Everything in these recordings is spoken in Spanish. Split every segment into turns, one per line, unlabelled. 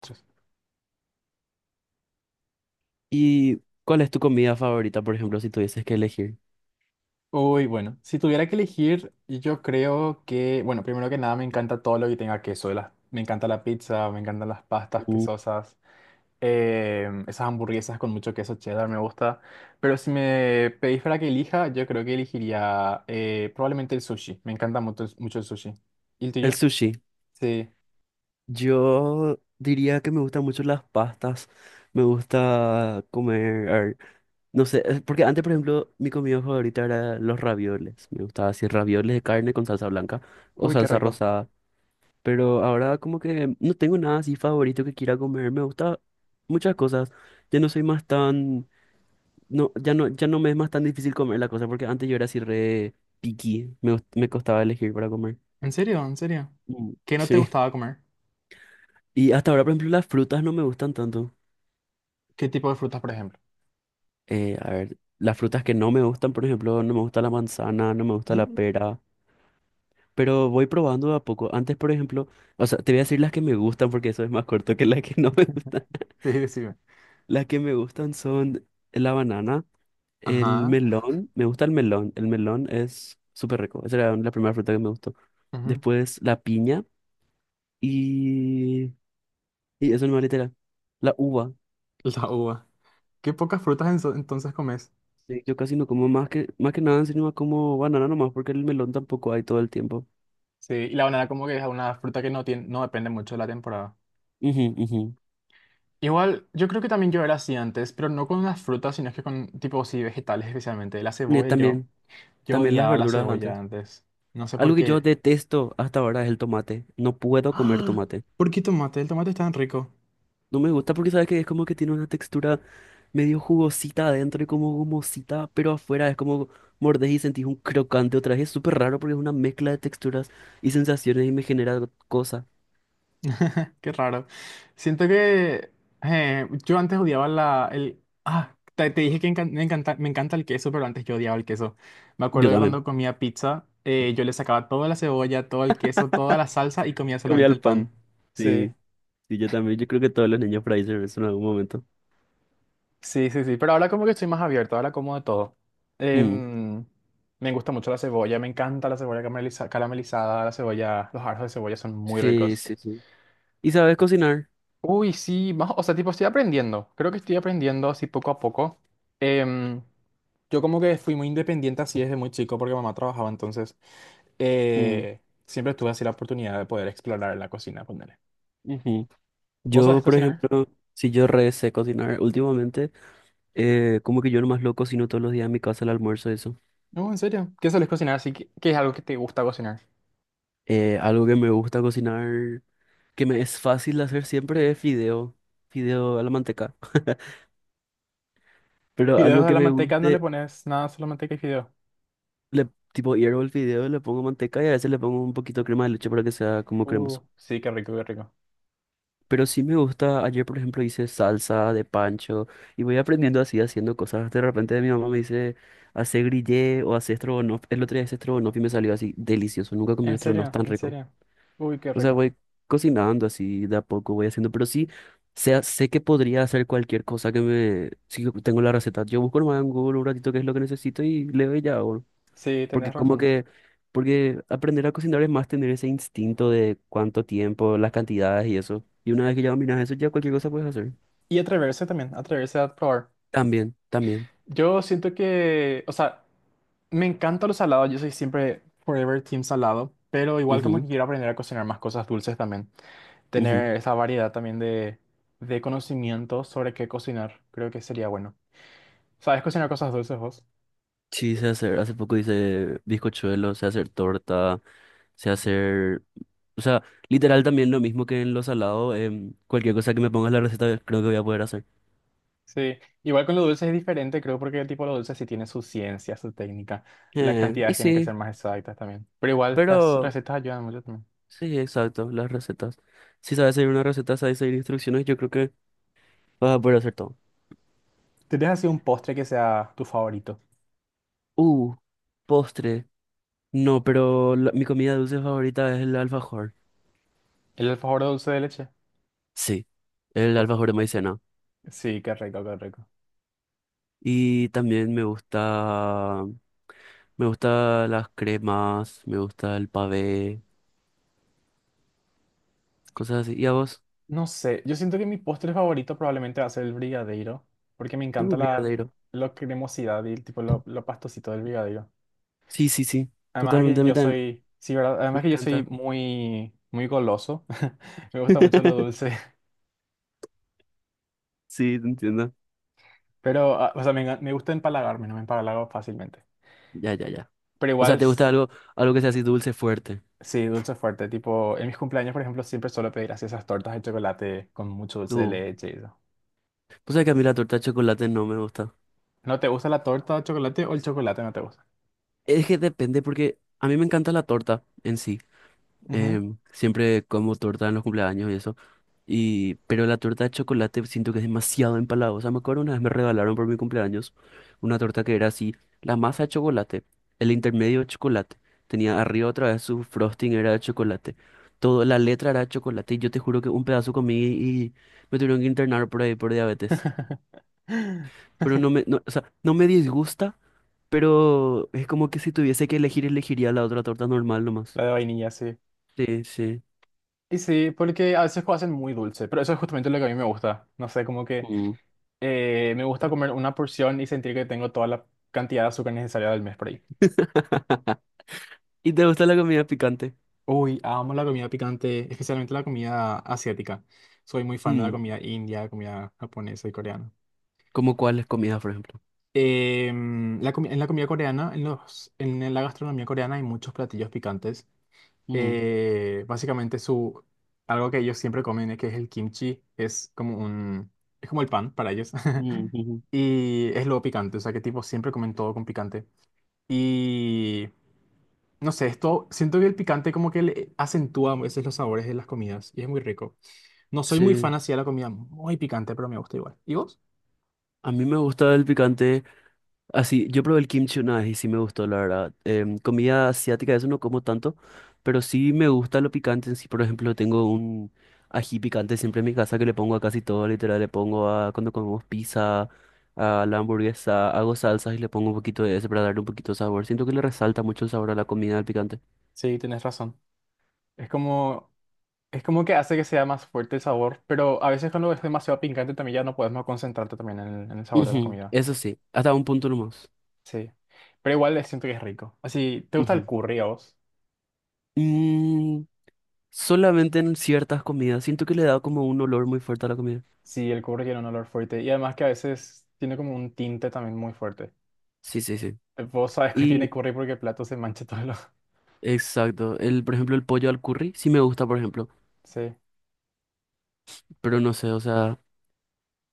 Tres.
¿Y cuál es tu comida favorita, por ejemplo, si tuvieses que elegir?
Uy, bueno, si tuviera que elegir, yo creo que, bueno, primero que nada me encanta todo lo que tenga queso, las- me encanta la pizza, me encantan las pastas
Uh,
quesosas, esas hamburguesas con mucho queso cheddar me gusta, pero si me pedís para que elija, yo creo que elegiría probablemente el sushi, me encanta mucho, mucho el sushi. ¿Y el
El
tuyo?
sushi.
Sí.
Yo diría que me gustan mucho las pastas. Me gusta comer, a ver, no sé, es porque antes, por ejemplo, mi comida favorita era los ravioles. Me gustaba así ravioles de carne con salsa blanca o
Uy, qué
salsa
rico.
rosada. Pero ahora como que no tengo nada así favorito que quiera comer. Me gusta muchas cosas. Ya no soy más tan. No, ya no, ya no me es más tan difícil comer la cosa porque antes yo era así re picky, me costaba elegir para comer.
¿En serio? ¿En serio? ¿Qué no te
Sí.
gustaba comer?
Y hasta ahora, por ejemplo, las frutas no me gustan tanto.
¿Qué tipo de frutas, por ejemplo?
A ver, las frutas que no me gustan, por ejemplo, no me gusta la manzana, no me gusta la
Mm,
pera, pero voy probando de a poco. Antes, por ejemplo, o sea, te voy a decir las que me gustan porque eso es más corto que las que no me gustan.
sí, decime.
Las que me gustan son la banana, el
Ajá.
melón, me gusta el melón es súper rico, esa era la primera fruta que me gustó.
Ujú.
Después la piña. Y, y eso nomás literal. La uva.
La uva. Qué pocas frutas enso- entonces comes.
Sí, yo casi no como más que nada, encima como banana nomás, porque el melón tampoco hay todo el tiempo.
Sí, y la banana como que es una fruta que no tiene, no depende mucho de la temporada.
Ujú, ujú.
Igual, yo creo que también yo era así antes, pero no con las frutas, sino que con, tipo, sí, vegetales especialmente. La cebolla, yo,
También,
yo
también las
odiaba la
verduras
cebolla
antes.
antes. No sé por
Algo que yo
qué.
detesto hasta ahora es el tomate. No puedo comer
¡Ah!
tomate.
¿Por qué tomate? El tomate es tan rico.
No me gusta porque sabes que es como que tiene una textura medio jugosita adentro y como gomosita, pero afuera es como mordés y sentís un crocante otra vez. Es súper raro porque es una mezcla de texturas y sensaciones y me genera cosa.
Qué raro. Siento que yo antes odiaba la, el... Ah, te dije que encan- me encanta el queso, pero antes yo odiaba el queso. Me acuerdo
Yo
de
también.
cuando comía pizza, yo le sacaba toda la cebolla, todo el queso, toda la salsa y comía
Comía
solamente
el
el pan.
pan.
Sí,
Sí, sí, yo también. Yo creo que todos los niños por ahí hicieron eso en algún momento.
sí, sí, sí. Pero ahora como que estoy más abierto, ahora como de todo.
Mm.
Em, me gusta mucho la cebolla, me encanta la cebolla carameliza- caramelizada, la cebolla, los aros de cebolla son muy
Sí,
ricos.
sí, sí. ¿Y sabes cocinar?
Uy, sí, más, o sea, tipo, estoy aprendiendo. Creo que estoy aprendiendo así poco a poco. Em, yo como que fui muy independiente así desde muy chico porque mamá trabajaba, entonces
Mm,
eh, siempre tuve así la oportunidad de poder explorar la cocina, ponele.
ujú.
¿Vos sabés
Yo, por
cocinar?
ejemplo, si yo re sé cocinar últimamente, como que yo nomás lo cocino todos los días en mi casa el almuerzo, eso.
No, en serio. ¿Qué sabés cocinar? Así que, ¿qué es algo que te gusta cocinar?
Algo que me gusta cocinar, que me es fácil de hacer siempre es fideo. Fideo a la manteca. Pero
Fideos
algo
a
que
la
me
manteca, no le
guste,
pones nada, solo manteca y fideos.
le, tipo hiervo el fideo, le pongo manteca y a veces le pongo un poquito de crema de leche para que sea como cremoso.
Sí, qué rico, qué rico.
Pero sí me gusta, ayer por ejemplo hice salsa de pancho y voy aprendiendo así haciendo cosas. De repente mi mamá me dice, hace grillé o hace estrogonoff. El otro día hice estrogonoff y me salió así delicioso. Nunca comí un
En
estrogonoff
serio,
tan
en
rico.
serio. Uy, qué
O sea,
rico.
voy cocinando así de a poco, voy haciendo. Pero sí, sé que podría hacer cualquier cosa que me... Si yo tengo la receta, yo busco nomás en Google un ratito qué es lo que necesito y leo y ya.
Sí,
Porque
tenés
como
razón.
que, porque aprender a cocinar es más tener ese instinto de cuánto tiempo, las cantidades y eso. Y una vez que ya dominas eso, ya cualquier cosa puedes hacer.
Y atreverse también, atreverse a probar.
También, también.
Yo siento que, o sea, me encanta lo salado, yo soy siempre forever team salado, pero igual como que quiero aprender a cocinar más cosas dulces también.
Ujú, ujú.
Tener esa variedad también de conocimientos sobre qué cocinar, creo que sería bueno. ¿Sabes cocinar cosas dulces vos?
Sí, sé hacer, hace poco hice bizcochuelo, sé hacer torta, sé hacer, o sea, literal también lo mismo que en los salados, cualquier cosa que me pongas la receta creo que voy a poder hacer.
Sí, igual con lo dulce es diferente, creo, porque el tipo de lo dulce sí tiene su ciencia, su técnica. Las
Eh, y
cantidades tienen que ser
sí,
más exactas también. Pero igual las
pero
recetas ayudan mucho también.
sí, exacto, las recetas. Si sabes seguir una receta, sabes seguir instrucciones, yo creo que vas a poder hacer todo.
¿Tienes así un postre que sea tu favorito?
Uh, postre. No, pero mi comida dulce favorita es el alfajor.
¿El alfajor de dulce de leche?
Sí, el
Oh.
alfajor de maicena.
Sí, qué rico, qué rico.
Y también me gusta las cremas, me gusta el pavé, cosas así. ¿Y a vos?
No sé, yo siento que mi postre favorito probablemente va a ser el brigadeiro, porque me encanta
No,
la,
brigadeiro.
la cremosidad y el tipo lo pastosito del brigadeiro.
Sí, sí, sí.
Además
Totalmente
que
a mí
yo
también.
soy, sí, ¿verdad? Además
Me
que yo soy
encanta.
muy, muy goloso, me gusta mucho lo dulce,
Sí, te entiendo.
pero, ah, o sea, me, enga- me gusta empalagarme, no me empalago fácilmente.
Ya, ya, ya.
Pero
O
igual,
sea, ¿te gusta
s-
algo, algo que sea así dulce fuerte?
sí, dulce fuerte, tipo, en mis cumpleaños, por ejemplo, siempre suelo pedir así esas tortas de chocolate con mucho dulce de
Uh,
leche y eso.
pues sabes que a mí la torta de chocolate no me gusta.
¿No te gusta la torta de chocolate o el chocolate no te gusta?
Es que depende porque a mí me encanta la torta en sí.
Ujú.
Siempre como torta en los cumpleaños y eso. Y, pero la torta de chocolate siento que es demasiado empalagosa. Me acuerdo una vez me regalaron por mi cumpleaños una torta que era así, la masa de chocolate, el intermedio de chocolate. Tenía arriba otra vez, su frosting era de chocolate. Todo, la letra era de chocolate y yo te juro que un pedazo comí y me tuvieron que internar por ahí por diabetes. Pero no me, no, o sea, no me disgusta, pero es como que si tuviese que elegir, elegiría la otra torta normal nomás.
La de vainilla, sí.
Sí, sí.
Y sí, porque a veces lo hacen muy dulce, pero eso es justamente lo que a mí me gusta. No sé, como que me gusta comer una porción y sentir que tengo toda la cantidad de azúcar necesaria del mes por ahí.
¿Y te gusta la comida picante?
Uy, amo la comida picante, especialmente la comida asiática. Soy muy fan de la
Mm.
comida india, comida japonesa y coreana.
¿Cómo cuáles comidas, por ejemplo?
La comi- en la comida coreana, en los, en la gastronomía coreana hay muchos platillos picantes.
Mm,
Eh, básicamente su, algo que ellos siempre comen, que es el kimchi, es como un, es como el pan para ellos.
mm, ujú.
Y es lo picante, o sea que tipo siempre comen todo con picante. Y no sé, esto, siento que el picante como que le acentúa a veces los sabores de las comidas y es muy rico. No soy muy fan
Sí,
así de la comida muy picante, pero me gusta igual. ¿Y vos?
a mí me gusta el picante. Así, yo probé el kimchi una vez y sí me gustó, la verdad. Comida asiática, eso no como tanto, pero sí me gusta lo picante. En sí, por ejemplo, tengo un ají picante siempre en mi casa que le pongo a casi todo, literal. Le pongo a cuando comemos pizza, a la hamburguesa, hago salsas y le pongo un poquito de ese para darle un poquito de sabor. Siento que le resalta mucho el sabor a la comida, el picante.
Sí, tenés razón. Es como es como que hace que sea más fuerte el sabor, pero a veces cuando es demasiado picante también ya no puedes más concentrarte también en el sabor de la
Ujú,
comida.
eso sí, hasta un punto nomás.
Sí. Pero igual siento que es rico. Así, ¿te gusta el
Ujú.
curry a vos?
Mm, solamente en ciertas comidas. Siento que le da como un olor muy fuerte a la comida.
Sí, el curry tiene un olor fuerte y además que a veces tiene como un tinte también muy fuerte.
Sí, sí, sí.
Vos sabes que tiene
Y
curry porque el plato se mancha todo. Lo...
exacto. El, por ejemplo, el pollo al curry sí me gusta, por ejemplo.
Sí.
Pero no sé, o sea.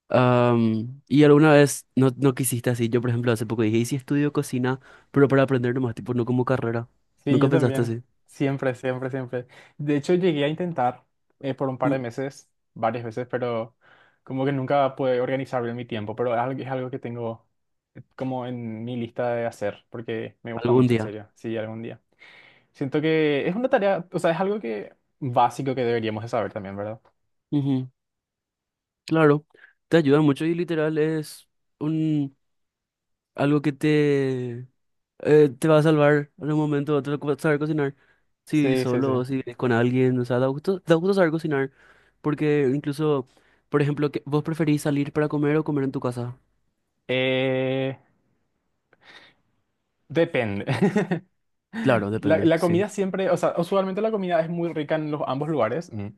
¿y alguna vez no, no quisiste así? Yo, por ejemplo, hace poco dije, ¿y si estudio cocina? Pero para aprender nomás, tipo, no como carrera.
Sí,
¿Nunca
yo
pensaste
también.
así?
Siempre, siempre, siempre. De hecho, llegué a intentar por un par
Mm,
de meses, varias veces, pero como que nunca pude organizar bien mi tiempo, pero es algo que tengo como en mi lista de hacer, porque me gusta
algún
mucho, en
día.
serio, sí, algún día. Siento que es una tarea, o sea, es algo que básico que deberíamos de saber también, ¿verdad?
Ujú, claro. Te ayuda mucho y literal es un algo que te te va a salvar en un momento u otro saber cocinar. Si
Sí, sí, sí.
solo, o si vienes con alguien, o sea, da gusto saber cocinar. Porque incluso, por ejemplo, que ¿vos preferís salir para comer o comer en tu casa?
Eh, depende.
Claro,
La,
depende,
la
sí.
comida siempre, o sea, usualmente la comida es muy rica en los ambos lugares, mm,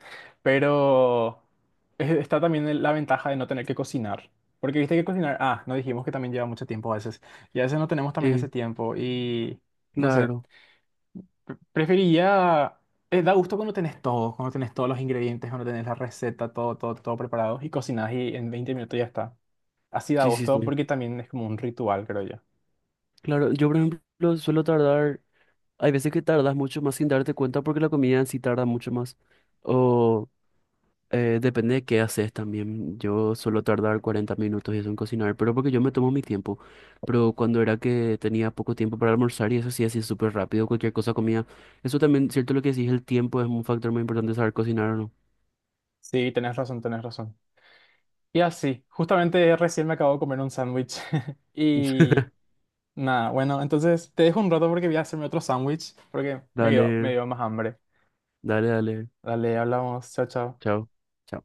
pero es- está también el- la ventaja de no tener que cocinar. Porque viste que cocinar, ah, no dijimos que también lleva mucho tiempo a veces. Y a veces no tenemos también ese
Sí,
tiempo. Y no sé,
claro.
pre- preferiría. Eh, da gusto cuando tenés todo, cuando tenés todos los ingredientes, cuando tenés la receta, todo, todo, todo preparado y cocinás y en 20 minutos ya está. Así da
Sí, sí,
gusto
sí.
porque también es como un ritual, creo yo.
Claro, yo por ejemplo suelo tardar, hay veces que tardas mucho más sin darte cuenta porque la comida en sí tarda mucho más. O eh, depende de qué haces también. Yo suelo tardar 40 minutos y eso en cocinar, pero porque yo me tomo mi tiempo. Pero cuando era que tenía poco tiempo para almorzar y eso sí, así súper rápido, cualquier cosa comía. Eso también, cierto lo que decís, el tiempo es un factor muy importante saber cocinar o no.
Sí, tenés razón, tenés razón. Y así, justamente recién me acabo de comer un sándwich. Y nada, bueno, entonces te dejo un rato porque voy a hacerme otro sándwich porque me
Dale,
dio más hambre.
dale, dale.
Dale, hablamos, chao, chao.
Chao, chao.